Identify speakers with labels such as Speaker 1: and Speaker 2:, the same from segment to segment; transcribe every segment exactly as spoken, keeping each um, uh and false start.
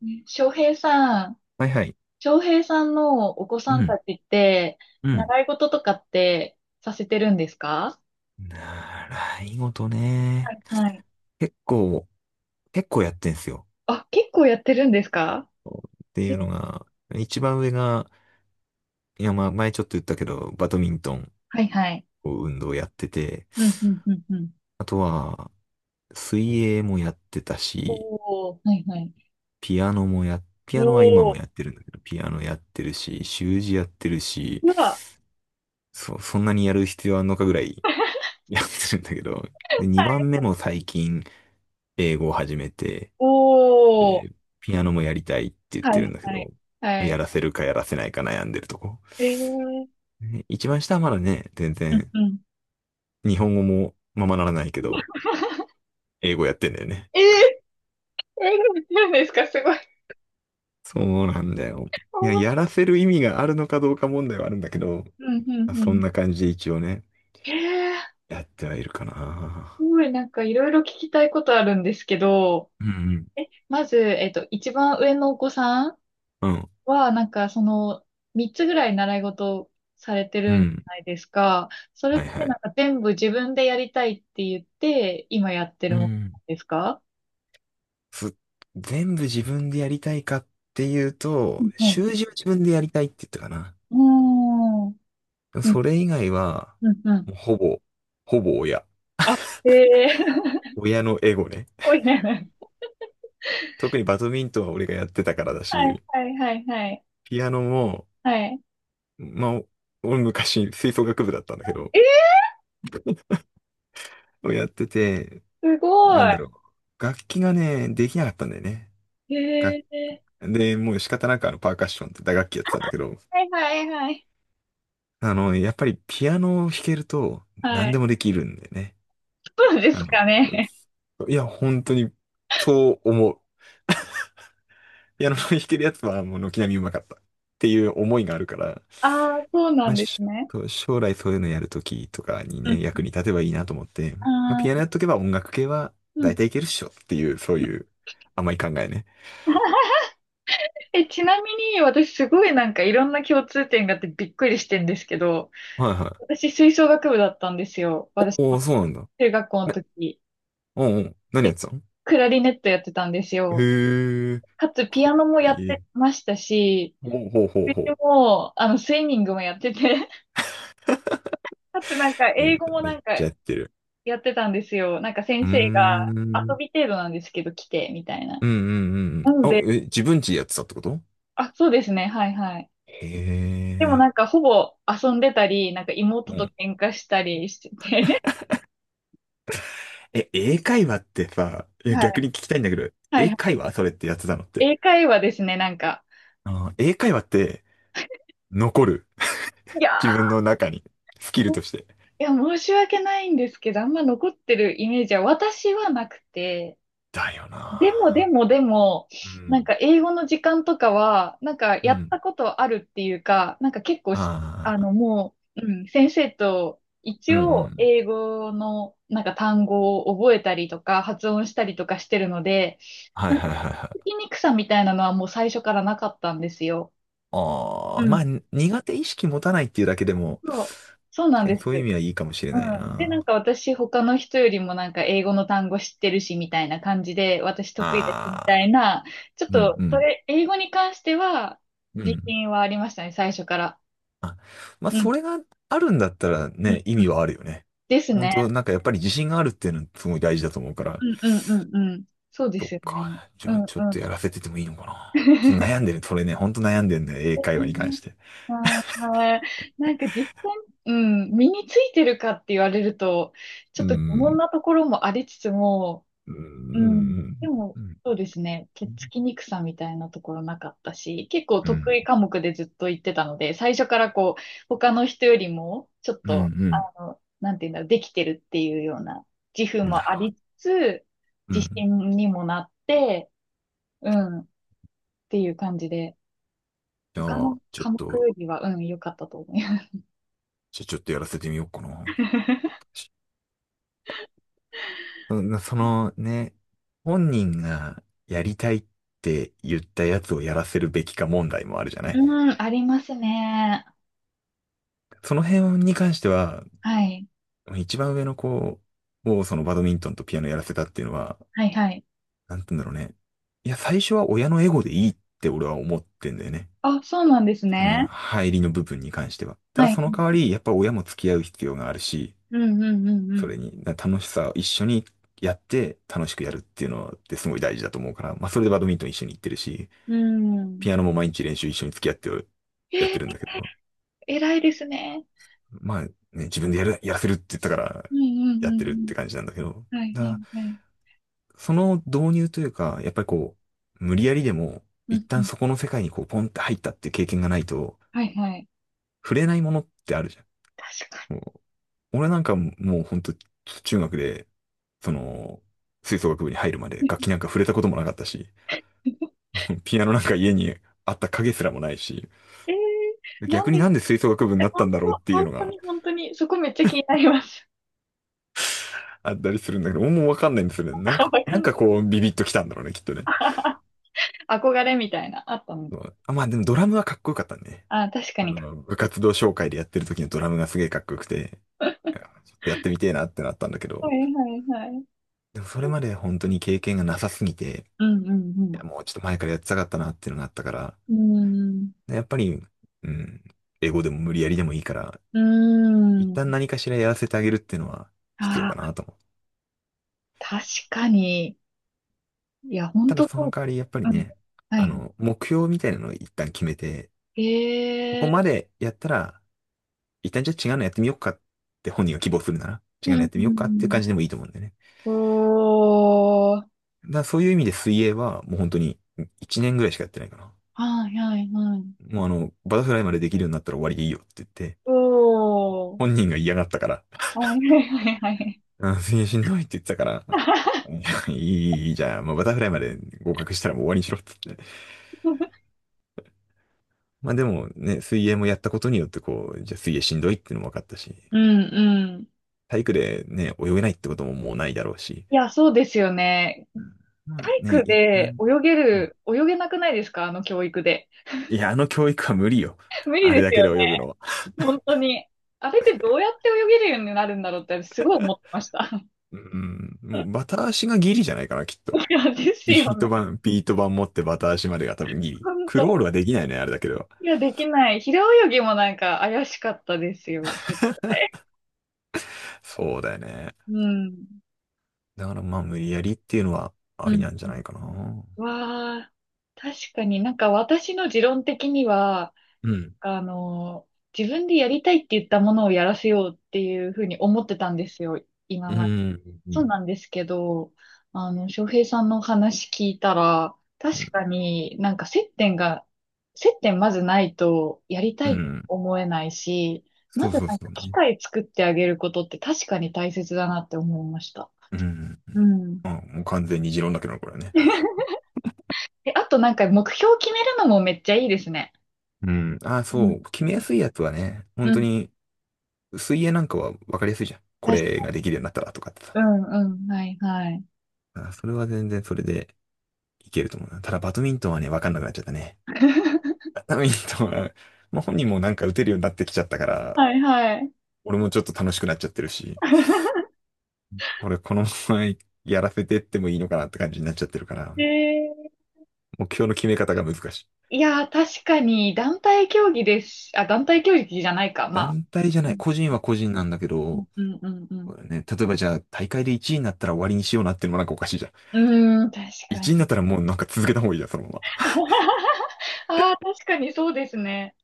Speaker 1: ね翔平さん、
Speaker 2: はいはい。
Speaker 1: 翔平さんのお子
Speaker 2: う
Speaker 1: さんた
Speaker 2: ん。
Speaker 1: ちって、
Speaker 2: うん。
Speaker 1: 習い事とかってさせてるんですか？
Speaker 2: 習い事
Speaker 1: は
Speaker 2: ね。
Speaker 1: いはい。
Speaker 2: 結構、結構やってんすよ。
Speaker 1: あ、結構やってるんですか？
Speaker 2: ってい
Speaker 1: え？
Speaker 2: うのが、一番上が、いや、まあ、前ちょっと言ったけど、バドミントン
Speaker 1: はいはい。
Speaker 2: を運動やってて、
Speaker 1: うんうんうんうん。
Speaker 2: あとは、水泳もやってたし、
Speaker 1: おお、はいはい。
Speaker 2: ピアノもや、ピ
Speaker 1: お
Speaker 2: アノは今も
Speaker 1: お、
Speaker 2: やってるんだけど、ピアノやってるし、習字やってるし、
Speaker 1: うわ。
Speaker 2: そ、そんなにやる必要あんのかぐらい やってるんだけど、で、にばんめも最近、英語を始めて、
Speaker 1: おお、
Speaker 2: で、ピアノもやりたいって言っ
Speaker 1: は
Speaker 2: てるん
Speaker 1: い
Speaker 2: だけ
Speaker 1: はい。
Speaker 2: ど、
Speaker 1: は
Speaker 2: や
Speaker 1: い。
Speaker 2: らせるかやらせないか悩んでるとこ。
Speaker 1: えー。
Speaker 2: ね一番下はまだね、全
Speaker 1: うん
Speaker 2: 然、
Speaker 1: うん。
Speaker 2: 日本語もままならないけど、英語やってんだよね。
Speaker 1: えー、えー、見てるんですか？すごい。
Speaker 2: そうなんだよ。
Speaker 1: お
Speaker 2: いや、
Speaker 1: ー。
Speaker 2: やらせる意味があるのかどうか問題はあるんだけど、
Speaker 1: うんうんう
Speaker 2: そん
Speaker 1: ん。
Speaker 2: な感じで一応ね、
Speaker 1: えー。
Speaker 2: やってはいるか
Speaker 1: す
Speaker 2: な。
Speaker 1: ごいなんかいろいろ聞きたいことあるんですけど、
Speaker 2: うん
Speaker 1: え、まず、えっと、一番上のお子さん
Speaker 2: うん。うん。
Speaker 1: は、なんか、その、三つぐらい習い事されて
Speaker 2: う
Speaker 1: るんじ
Speaker 2: ん。
Speaker 1: ゃないですか？それ
Speaker 2: は
Speaker 1: っ
Speaker 2: いは
Speaker 1: て
Speaker 2: い。
Speaker 1: なんか全部自分でやりたいって言って、今やって
Speaker 2: う
Speaker 1: るものな
Speaker 2: ん。
Speaker 1: んですか？
Speaker 2: す全部自分でやりたいかっていう
Speaker 1: う
Speaker 2: と、
Speaker 1: んはい。
Speaker 2: 習字は自分でやりたいって言ったかな。
Speaker 1: うーん。うん、
Speaker 2: それ以外は、
Speaker 1: うん、うん。
Speaker 2: もうほぼ、ほぼ親。
Speaker 1: あ、へえ。
Speaker 2: 親のエゴね。
Speaker 1: おいね。
Speaker 2: 特にバドミントンは俺がやってたからだ
Speaker 1: はい、
Speaker 2: し、
Speaker 1: はい、はい、はい。
Speaker 2: ピアノも、
Speaker 1: はい。
Speaker 2: まあ、俺昔吹奏楽部だったんだけど、
Speaker 1: え、
Speaker 2: やってて、
Speaker 1: すご
Speaker 2: なんだ
Speaker 1: い。
Speaker 2: ろう。楽器がね、できなかったんだよね。
Speaker 1: へ
Speaker 2: 楽
Speaker 1: え。
Speaker 2: で、もう仕方なくあのパーカッションって打楽器やってたんだけど、
Speaker 1: はい、はい、はい。
Speaker 2: あの、やっぱりピアノを弾けると
Speaker 1: は
Speaker 2: 何
Speaker 1: い。
Speaker 2: でもできるんだよね。
Speaker 1: そうで
Speaker 2: あ
Speaker 1: すか
Speaker 2: の、
Speaker 1: ね。
Speaker 2: いや、本当にそう思う。ピアノの弾けるやつはもう軒並みうまかったっていう思いがあるから、
Speaker 1: ああ、そうな
Speaker 2: ま
Speaker 1: ん
Speaker 2: あ、
Speaker 1: です
Speaker 2: し
Speaker 1: ね。
Speaker 2: と将来そういうのやるときとかに
Speaker 1: うん。
Speaker 2: ね、役に立てばいいなと思って、まあ、
Speaker 1: あ
Speaker 2: ピアノ
Speaker 1: あ。
Speaker 2: やっとけば音楽系は
Speaker 1: う
Speaker 2: 大
Speaker 1: ん。
Speaker 2: 体いけるっしょっていう、そういう甘い考えね。
Speaker 1: え、ちなみに私すごいなんかいろんな共通点があってびっくりしてんですけど、
Speaker 2: はいはい。
Speaker 1: 私吹奏楽部だったんですよ。私
Speaker 2: お
Speaker 1: も
Speaker 2: お、そうなんだ。
Speaker 1: 中学校の
Speaker 2: え、
Speaker 1: 時。
Speaker 2: うんうん。何やっ
Speaker 1: で、
Speaker 2: てたの？
Speaker 1: クラリネットやってたんですよ。
Speaker 2: へえ、
Speaker 1: かつピ
Speaker 2: かっ
Speaker 1: アノも
Speaker 2: こ
Speaker 1: やっ
Speaker 2: い
Speaker 1: て
Speaker 2: い。
Speaker 1: ましたし、
Speaker 2: ほうほうほう
Speaker 1: で
Speaker 2: ほ
Speaker 1: も、あの、スイミングもやってて、かつなんか
Speaker 2: う。いい
Speaker 1: 英語
Speaker 2: じゃ
Speaker 1: も
Speaker 2: ん。
Speaker 1: な
Speaker 2: めっ
Speaker 1: んか
Speaker 2: ちゃやってる。
Speaker 1: やってたんですよ。なんか
Speaker 2: うー
Speaker 1: 先生
Speaker 2: ん。う
Speaker 1: が遊
Speaker 2: ん
Speaker 1: び程度なんですけど来て、みたいな。
Speaker 2: うんうんうん。
Speaker 1: なの
Speaker 2: あ、
Speaker 1: で、
Speaker 2: え、自分ちやってたってこと？
Speaker 1: あ、そうですね、はいはい。
Speaker 2: へ
Speaker 1: でも
Speaker 2: え。
Speaker 1: なんかほぼ遊んでたり、なんか
Speaker 2: う
Speaker 1: 妹と
Speaker 2: ん
Speaker 1: 喧嘩したりしてて、
Speaker 2: え、英会話ってさ、いや逆 に聞きたいんだけど、
Speaker 1: はい
Speaker 2: 英
Speaker 1: は
Speaker 2: 会話それってやってたのっ
Speaker 1: い。
Speaker 2: て。
Speaker 1: 英会話ですね、なんか。
Speaker 2: あの英会話って残る。
Speaker 1: い や
Speaker 2: 自分の中に。スキル
Speaker 1: ー、い
Speaker 2: として。
Speaker 1: や、申し訳ないんですけど、あんま残ってるイメージは私はなくて、
Speaker 2: だよ
Speaker 1: でもで
Speaker 2: な
Speaker 1: もでも、
Speaker 2: ぁ。う
Speaker 1: なん
Speaker 2: ん。
Speaker 1: か英語の時間とかは、なんか
Speaker 2: う
Speaker 1: やっ
Speaker 2: ん。
Speaker 1: たことあるっていうか、なんか結構し、
Speaker 2: あ
Speaker 1: あ
Speaker 2: あ、
Speaker 1: のもう、うん、先生と
Speaker 2: う
Speaker 1: 一
Speaker 2: んう
Speaker 1: 応
Speaker 2: ん。
Speaker 1: 英語のなんか単語を覚えたりとか発音したりとかしてるので、
Speaker 2: はい
Speaker 1: なん
Speaker 2: は
Speaker 1: か
Speaker 2: いはいは
Speaker 1: 聞
Speaker 2: い。
Speaker 1: きにくさみたいなのはもう最初からなかったんですよ。
Speaker 2: あ
Speaker 1: う
Speaker 2: あ、
Speaker 1: ん。
Speaker 2: まあ、苦手意識持たないっていうだけでも、
Speaker 1: そう、そうな
Speaker 2: 確
Speaker 1: ん
Speaker 2: かに
Speaker 1: です。
Speaker 2: そう
Speaker 1: う
Speaker 2: いう
Speaker 1: ん。
Speaker 2: 意味はいいかもしれない
Speaker 1: で、なん
Speaker 2: な。
Speaker 1: か私、他の人よりもなんか英語の単語知ってるし、みたいな感じで、私得意ですみ
Speaker 2: あ
Speaker 1: たい
Speaker 2: あ、
Speaker 1: な、ちょっ
Speaker 2: うん
Speaker 1: と、
Speaker 2: う
Speaker 1: そ
Speaker 2: ん。
Speaker 1: れ、英語に関しては、
Speaker 2: う
Speaker 1: 自
Speaker 2: ん。
Speaker 1: 信はありましたね、最初から。
Speaker 2: あまあ、
Speaker 1: うん、
Speaker 2: それがあるんだったら
Speaker 1: うん、
Speaker 2: ね、意
Speaker 1: うん。
Speaker 2: 味はあるよね。
Speaker 1: です
Speaker 2: 本当
Speaker 1: ね。
Speaker 2: なんかやっぱり自信があるっていうのすごい大事だと思うから。
Speaker 1: うん、うん、うん、うん。そうで
Speaker 2: そっ
Speaker 1: すよね。
Speaker 2: か。じ
Speaker 1: う
Speaker 2: ゃあ
Speaker 1: ん、
Speaker 2: ちょっ
Speaker 1: う
Speaker 2: と
Speaker 1: ん。
Speaker 2: やらせててもいいのかな。ちょっと 悩んでる。それね、本当悩んでるんだよ。英会話に関して。
Speaker 1: まあ、なんか実践、うん、身についてるかって言われると、ちょ
Speaker 2: う
Speaker 1: っと疑問
Speaker 2: ん。
Speaker 1: なところもありつつも、
Speaker 2: うん。
Speaker 1: う
Speaker 2: う
Speaker 1: ん。
Speaker 2: ん。
Speaker 1: でも、
Speaker 2: うん。
Speaker 1: そうですね。手つきにくさみたいなところなかったし、結構
Speaker 2: う
Speaker 1: 得
Speaker 2: ん。
Speaker 1: 意科目でずっと行ってたので、最初からこう、他の人よりも、ちょっ
Speaker 2: う
Speaker 1: と、あ
Speaker 2: ん
Speaker 1: の、なんていうんだろう、できてるっていうような自負
Speaker 2: うんなる
Speaker 1: もあ
Speaker 2: ほ
Speaker 1: りつつ、
Speaker 2: ど。う
Speaker 1: 自
Speaker 2: ん。
Speaker 1: 信にもなって、うん、っていう感じで、
Speaker 2: じゃ
Speaker 1: 他の
Speaker 2: あ、ちょっ
Speaker 1: 科目
Speaker 2: と、
Speaker 1: よりは、うん、良かったと思います。
Speaker 2: じゃあちょっとやらせてみようかな。うんそのね、本人がやりたいって言ったやつをやらせるべきか問題もあるじゃない。
Speaker 1: うん、ありますね。
Speaker 2: その辺に関しては、
Speaker 1: はい。
Speaker 2: 一番上の子をそのバドミントンとピアノやらせたっていうのは、
Speaker 1: はい、はい。
Speaker 2: なんて言うんだろうね。いや、最初は親のエゴでいいって俺は思ってんだよね。
Speaker 1: あ、そうなんです
Speaker 2: その
Speaker 1: ね。
Speaker 2: 入りの部分に関しては。ただ
Speaker 1: はい。
Speaker 2: その代わり、やっぱ親も付き合う必要があるし、
Speaker 1: うん、うん、う
Speaker 2: そ
Speaker 1: ん、
Speaker 2: れにだ楽しさを一緒にやって楽しくやるっていうのってすごい大事だと思うから、まあそれでバドミントン一緒に行ってるし、
Speaker 1: うん。うん。
Speaker 2: ピアノも毎日練習一緒に付き合ってる、やっ
Speaker 1: え
Speaker 2: てるん
Speaker 1: ー、
Speaker 2: だけど、
Speaker 1: 偉いですね。
Speaker 2: まあね、自分でやる、やらせるって言ったから
Speaker 1: うんうん
Speaker 2: やっ
Speaker 1: う
Speaker 2: てるっ
Speaker 1: ん
Speaker 2: て感じなんだけど、
Speaker 1: うん。はい
Speaker 2: だ
Speaker 1: はい
Speaker 2: から
Speaker 1: はい。
Speaker 2: その導入というか、やっぱりこう、無理やりでも、
Speaker 1: う
Speaker 2: 一
Speaker 1: んう
Speaker 2: 旦
Speaker 1: ん。
Speaker 2: そこの世界にこう、ポンって入ったっていう経験がないと、
Speaker 1: はいはい。
Speaker 2: 触れないものってあるじゃ
Speaker 1: 確か
Speaker 2: ん。もう、俺なんかもうほんと、中学で、その、吹奏楽部に入るまで楽
Speaker 1: に。
Speaker 2: 器なんか触れたこともなかったし、ピアノなんか家にあった影すらもないし、
Speaker 1: えー、なん
Speaker 2: 逆
Speaker 1: で。
Speaker 2: にな
Speaker 1: え、
Speaker 2: んで吹奏楽部になっ
Speaker 1: 本
Speaker 2: たんだろうっ
Speaker 1: 当、
Speaker 2: ていう
Speaker 1: 本
Speaker 2: の
Speaker 1: 当
Speaker 2: が
Speaker 1: に本当に、そこめっちゃ気になります。
Speaker 2: あったりするんだけど、もうわかんないんですよね。な ん
Speaker 1: あ、
Speaker 2: か、
Speaker 1: わか
Speaker 2: な
Speaker 1: ん
Speaker 2: ん
Speaker 1: な
Speaker 2: かこう、ビビッときたんだろうね、きっと
Speaker 1: い。
Speaker 2: ね。
Speaker 1: 憧れみたいな、あったの
Speaker 2: そ
Speaker 1: か。
Speaker 2: うあ、まあでもドラムはかっこよかったね。
Speaker 1: あ、確か
Speaker 2: あ
Speaker 1: にかっ
Speaker 2: の、部
Speaker 1: こいい。
Speaker 2: 活動紹介でやってる時のドラムがすげえかっこよくて、いやちょっとやってみてえなってなったんだけ
Speaker 1: は
Speaker 2: ど、
Speaker 1: いはいはい。
Speaker 2: でもそれまで本当に経験がなさすぎて、
Speaker 1: うんう
Speaker 2: いや、
Speaker 1: ん
Speaker 2: もうちょっと前からやってたかったなっていうのがあったから、
Speaker 1: うん。
Speaker 2: でやっぱり、うん、英語でも無理やりでもいいから、
Speaker 1: うー
Speaker 2: 一
Speaker 1: ん。う
Speaker 2: 旦
Speaker 1: ーん。
Speaker 2: 何かしらやらせてあげるっていうのは必要か
Speaker 1: あ
Speaker 2: なと思う。
Speaker 1: ー確かに。いや、本
Speaker 2: ただ
Speaker 1: 当
Speaker 2: そ
Speaker 1: そ
Speaker 2: の
Speaker 1: う。
Speaker 2: 代わりやっぱり
Speaker 1: うん。
Speaker 2: ね、
Speaker 1: は
Speaker 2: あ
Speaker 1: い。
Speaker 2: の、目標みたいなのを一旦決めて、ここ
Speaker 1: え
Speaker 2: ま
Speaker 1: え
Speaker 2: でやったら、一旦じゃあ違うのやってみようかって本人が希望するなら、違
Speaker 1: ー。う
Speaker 2: うのや
Speaker 1: ん、
Speaker 2: ってみよ
Speaker 1: う
Speaker 2: うかっていう
Speaker 1: ん
Speaker 2: 感じでもいいと思うんだよね。
Speaker 1: うん。おー。
Speaker 2: だそういう意味で水泳はもう本当にいちねんぐらいしかやってないかな。
Speaker 1: はいはいはい。
Speaker 2: もうあの、バタフライまでできるようになったら終わりでいいよって言って、
Speaker 1: おー。
Speaker 2: 本人が嫌がったから、
Speaker 1: はいはいはいはい。
Speaker 2: うん、水泳しんどいって言ってたから、いやいい、いいじゃあ、もうバタフライまで合格したらもう終わりにしろって言って。まあでもね、水泳もやったことによってこう、じゃあ水泳しんどいっていうのも分かったし、
Speaker 1: うんうん。
Speaker 2: 体育でね、泳げないってことももうないだろうし。
Speaker 1: いや、そうですよね。
Speaker 2: うんまあ
Speaker 1: 体
Speaker 2: ね、
Speaker 1: 育
Speaker 2: 一
Speaker 1: で
Speaker 2: 旦、
Speaker 1: 泳げ
Speaker 2: うん
Speaker 1: る、泳げなくないですか、あの教育で。
Speaker 2: いや、あの教育は無理よ。
Speaker 1: 無理
Speaker 2: あれ
Speaker 1: で
Speaker 2: だ
Speaker 1: す
Speaker 2: け
Speaker 1: よ
Speaker 2: で
Speaker 1: ね。
Speaker 2: 泳ぐのは。
Speaker 1: 本当に。あれってどうやって泳げるようになるんだろうってすごい思ってました。
Speaker 2: うん、もうバタ足がギリじゃないかな、きっと。
Speaker 1: いや、です
Speaker 2: ビ
Speaker 1: よ
Speaker 2: ート
Speaker 1: ね。
Speaker 2: 板、ビート板持ってバタ足までが多分ギリ。
Speaker 1: 本
Speaker 2: クロー
Speaker 1: 当。
Speaker 2: ルはできないね、あれだけど。
Speaker 1: いや、できない。平泳ぎもなんか怪しかったですよ。絶対。
Speaker 2: そうだよね。
Speaker 1: うん。
Speaker 2: だからまあ無理やりっていうのはあ
Speaker 1: う
Speaker 2: り
Speaker 1: ん。
Speaker 2: なんじゃないかな。
Speaker 1: わあ、確かになんか私の持論的には、
Speaker 2: うん。
Speaker 1: あの、自分でやりたいって言ったものをやらせようっていうふうに思ってたんですよ、
Speaker 2: う
Speaker 1: 今まで。
Speaker 2: ん。
Speaker 1: そう
Speaker 2: う
Speaker 1: なんですけど、あの、翔平さんのお話聞いたら、確か
Speaker 2: ん。
Speaker 1: になんか接点が、接点まずないとやり
Speaker 2: う
Speaker 1: たいと
Speaker 2: ん。
Speaker 1: 思えないし、
Speaker 2: そ
Speaker 1: ま
Speaker 2: う
Speaker 1: ず
Speaker 2: そう
Speaker 1: なん
Speaker 2: そ
Speaker 1: か
Speaker 2: う
Speaker 1: 機
Speaker 2: ね。
Speaker 1: 会作ってあげることって確かに大切だなって思いました。
Speaker 2: うん。
Speaker 1: うん。
Speaker 2: あ、もう完全に持論だけどな、これはね。
Speaker 1: え、あとなんか目標決めるのもめっちゃいいですね。
Speaker 2: うん。あ、
Speaker 1: うん、
Speaker 2: そう。決めやすいやつはね、本
Speaker 1: う
Speaker 2: 当
Speaker 1: ん、
Speaker 2: に水泳なんかは分かりやすいじゃん。こ
Speaker 1: 確
Speaker 2: れ
Speaker 1: か、
Speaker 2: ができるようになったらとかってさ。
Speaker 1: うん、うん、はい、はい。
Speaker 2: あ、それは全然それでいけると思うな。ただバドミントンはね、分かんなくなっちゃったね。ダミントンは、まあ、本人もなんか打てるようになってきちゃったから、
Speaker 1: はい、はい。
Speaker 2: 俺もちょっと楽しくなっちゃってるし、これこのままやらせてってもいいのかなって感じになっちゃってるから、
Speaker 1: えー、
Speaker 2: 目標の決め方が難しい。
Speaker 1: いやー、確かに、団体競技です。あ、団体競技じゃないか、まあ。
Speaker 2: 団体じゃ
Speaker 1: う
Speaker 2: ない、
Speaker 1: ん、
Speaker 2: 個人は個人なんだけ
Speaker 1: うん、
Speaker 2: ど、
Speaker 1: うん、うん。
Speaker 2: これね、例えばじゃあ大会でいちいになったら終わりにしような？ってのもなんかおかしいじゃん。
Speaker 1: うん、うーん、確か
Speaker 2: いちいにな
Speaker 1: に。
Speaker 2: ったらもうなんか続けた方がいいじゃん、そのま
Speaker 1: ああ、確かにそうですね。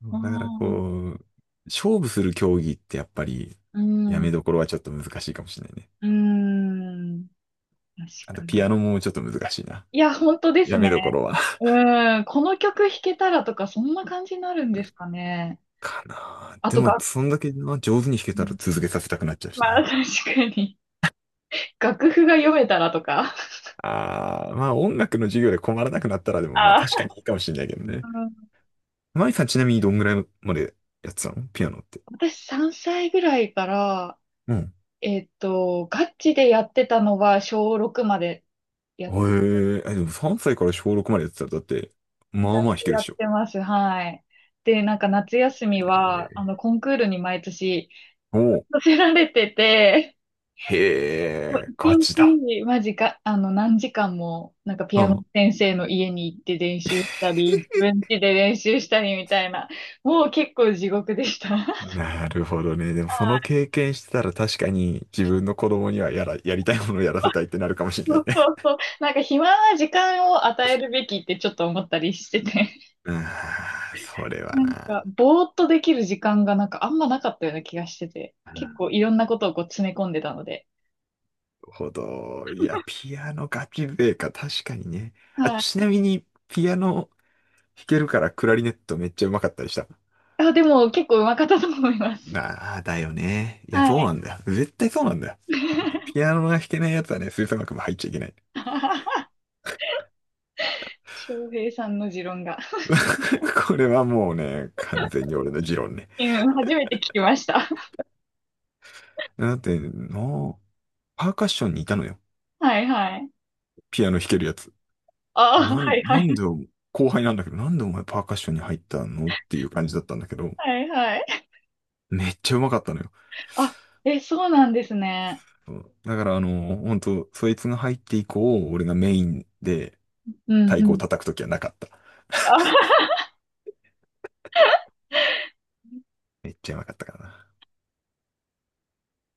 Speaker 2: ま。
Speaker 1: あ
Speaker 2: だからこ
Speaker 1: あ。
Speaker 2: う、勝負する競技ってやっぱり、
Speaker 1: う
Speaker 2: やめ
Speaker 1: ん、
Speaker 2: どころはちょっと難しいかもしれないね。
Speaker 1: うん、確
Speaker 2: あと
Speaker 1: か
Speaker 2: ピア
Speaker 1: に。
Speaker 2: ノもちょっと難しいな。
Speaker 1: いや、本当です
Speaker 2: やめ
Speaker 1: ね。
Speaker 2: どころは。
Speaker 1: うん、この曲弾けたらとか、そんな感じになるんですかね。
Speaker 2: かな
Speaker 1: あ
Speaker 2: で
Speaker 1: と
Speaker 2: も、
Speaker 1: が。
Speaker 2: そんだけな上手に弾け
Speaker 1: う
Speaker 2: たら
Speaker 1: ん
Speaker 2: 続けさせたくなっちゃうし
Speaker 1: まあ、
Speaker 2: ね。
Speaker 1: 確かに。楽譜が読めたらとか。
Speaker 2: ああ、まあ音楽の授業で困らなくなったらでも、まあ確
Speaker 1: あ、
Speaker 2: かにいいかもしれないけどね。
Speaker 1: うん。
Speaker 2: マイさんちなみにどんぐらいまでやってたのピアノって。
Speaker 1: 私さんさいぐらいから、
Speaker 2: うん。
Speaker 1: えっと、ガチでやってたのは小ろくまでや
Speaker 2: へ
Speaker 1: って、
Speaker 2: え、えでもさんさいから小ろくまでやってたらだって、ま
Speaker 1: だい
Speaker 2: あまあ弾
Speaker 1: ぶ
Speaker 2: けるっ
Speaker 1: やっ
Speaker 2: しょ。
Speaker 1: てます。はい。で、なんか夏休
Speaker 2: え
Speaker 1: みは、あの、
Speaker 2: ー
Speaker 1: コンクールに毎年
Speaker 2: おう。
Speaker 1: させられてて、
Speaker 2: へ
Speaker 1: もう
Speaker 2: え、ガ
Speaker 1: 一
Speaker 2: チだ。
Speaker 1: 日、マジか、あの、何時間も、なんかピ
Speaker 2: う
Speaker 1: アノ
Speaker 2: ん。
Speaker 1: 先生の家に行って練習したり、自分家で練習したりみたいな、もう結構地獄でした。
Speaker 2: なるほどね。でもその経験してたら確かに自分の子供にはやら、やりたいものをやらせたいってなるかもしれな
Speaker 1: そ
Speaker 2: い
Speaker 1: う
Speaker 2: ね。
Speaker 1: そうそう。なんか暇な時間を与えるべきってちょっと思ったりしてて。
Speaker 2: うん、それは
Speaker 1: なん
Speaker 2: な。
Speaker 1: か、ぼーっとできる時間がなんかあんまなかったような気がしてて。結構いろんなことをこう詰め込んでたので。
Speaker 2: ほど。いや、ピアノ楽器笛か、確かにね。あ、
Speaker 1: は
Speaker 2: ち
Speaker 1: い。
Speaker 2: なみに、ピアノ弾けるからクラリネットめっちゃうまかったりした？
Speaker 1: あ、でも結構うまかったと思います。
Speaker 2: ああ、だよね。いや、
Speaker 1: は
Speaker 2: そう
Speaker 1: い。
Speaker 2: なんだよ。絶対そうなんだよ。ほんとピアノが弾けないやつはね、吹奏楽も入っちゃいけない。
Speaker 1: 翔平さんの持論が。
Speaker 2: これはもうね、完全に俺の持論ね。
Speaker 1: うん、初めて聞きました。
Speaker 2: だって、なパーカッションにいたのよ。
Speaker 1: はいはい。
Speaker 2: ピアノ弾けるやつ。
Speaker 1: ああ、
Speaker 2: な
Speaker 1: は
Speaker 2: ん、
Speaker 1: いは
Speaker 2: な
Speaker 1: い。
Speaker 2: んで、後輩なんだけど、なんでお前パーカッションに入ったのっていう感じだったんだけど、
Speaker 1: はいはい。
Speaker 2: めっちゃうまかったのよ。
Speaker 1: あ、え、そうなんですね。
Speaker 2: そうだからあの、本当そいつが入って以降、俺がメインで
Speaker 1: うん
Speaker 2: 太
Speaker 1: う
Speaker 2: 鼓を
Speaker 1: ん。
Speaker 2: 叩くときはなかった。
Speaker 1: あ
Speaker 2: めっちゃうまかったからな。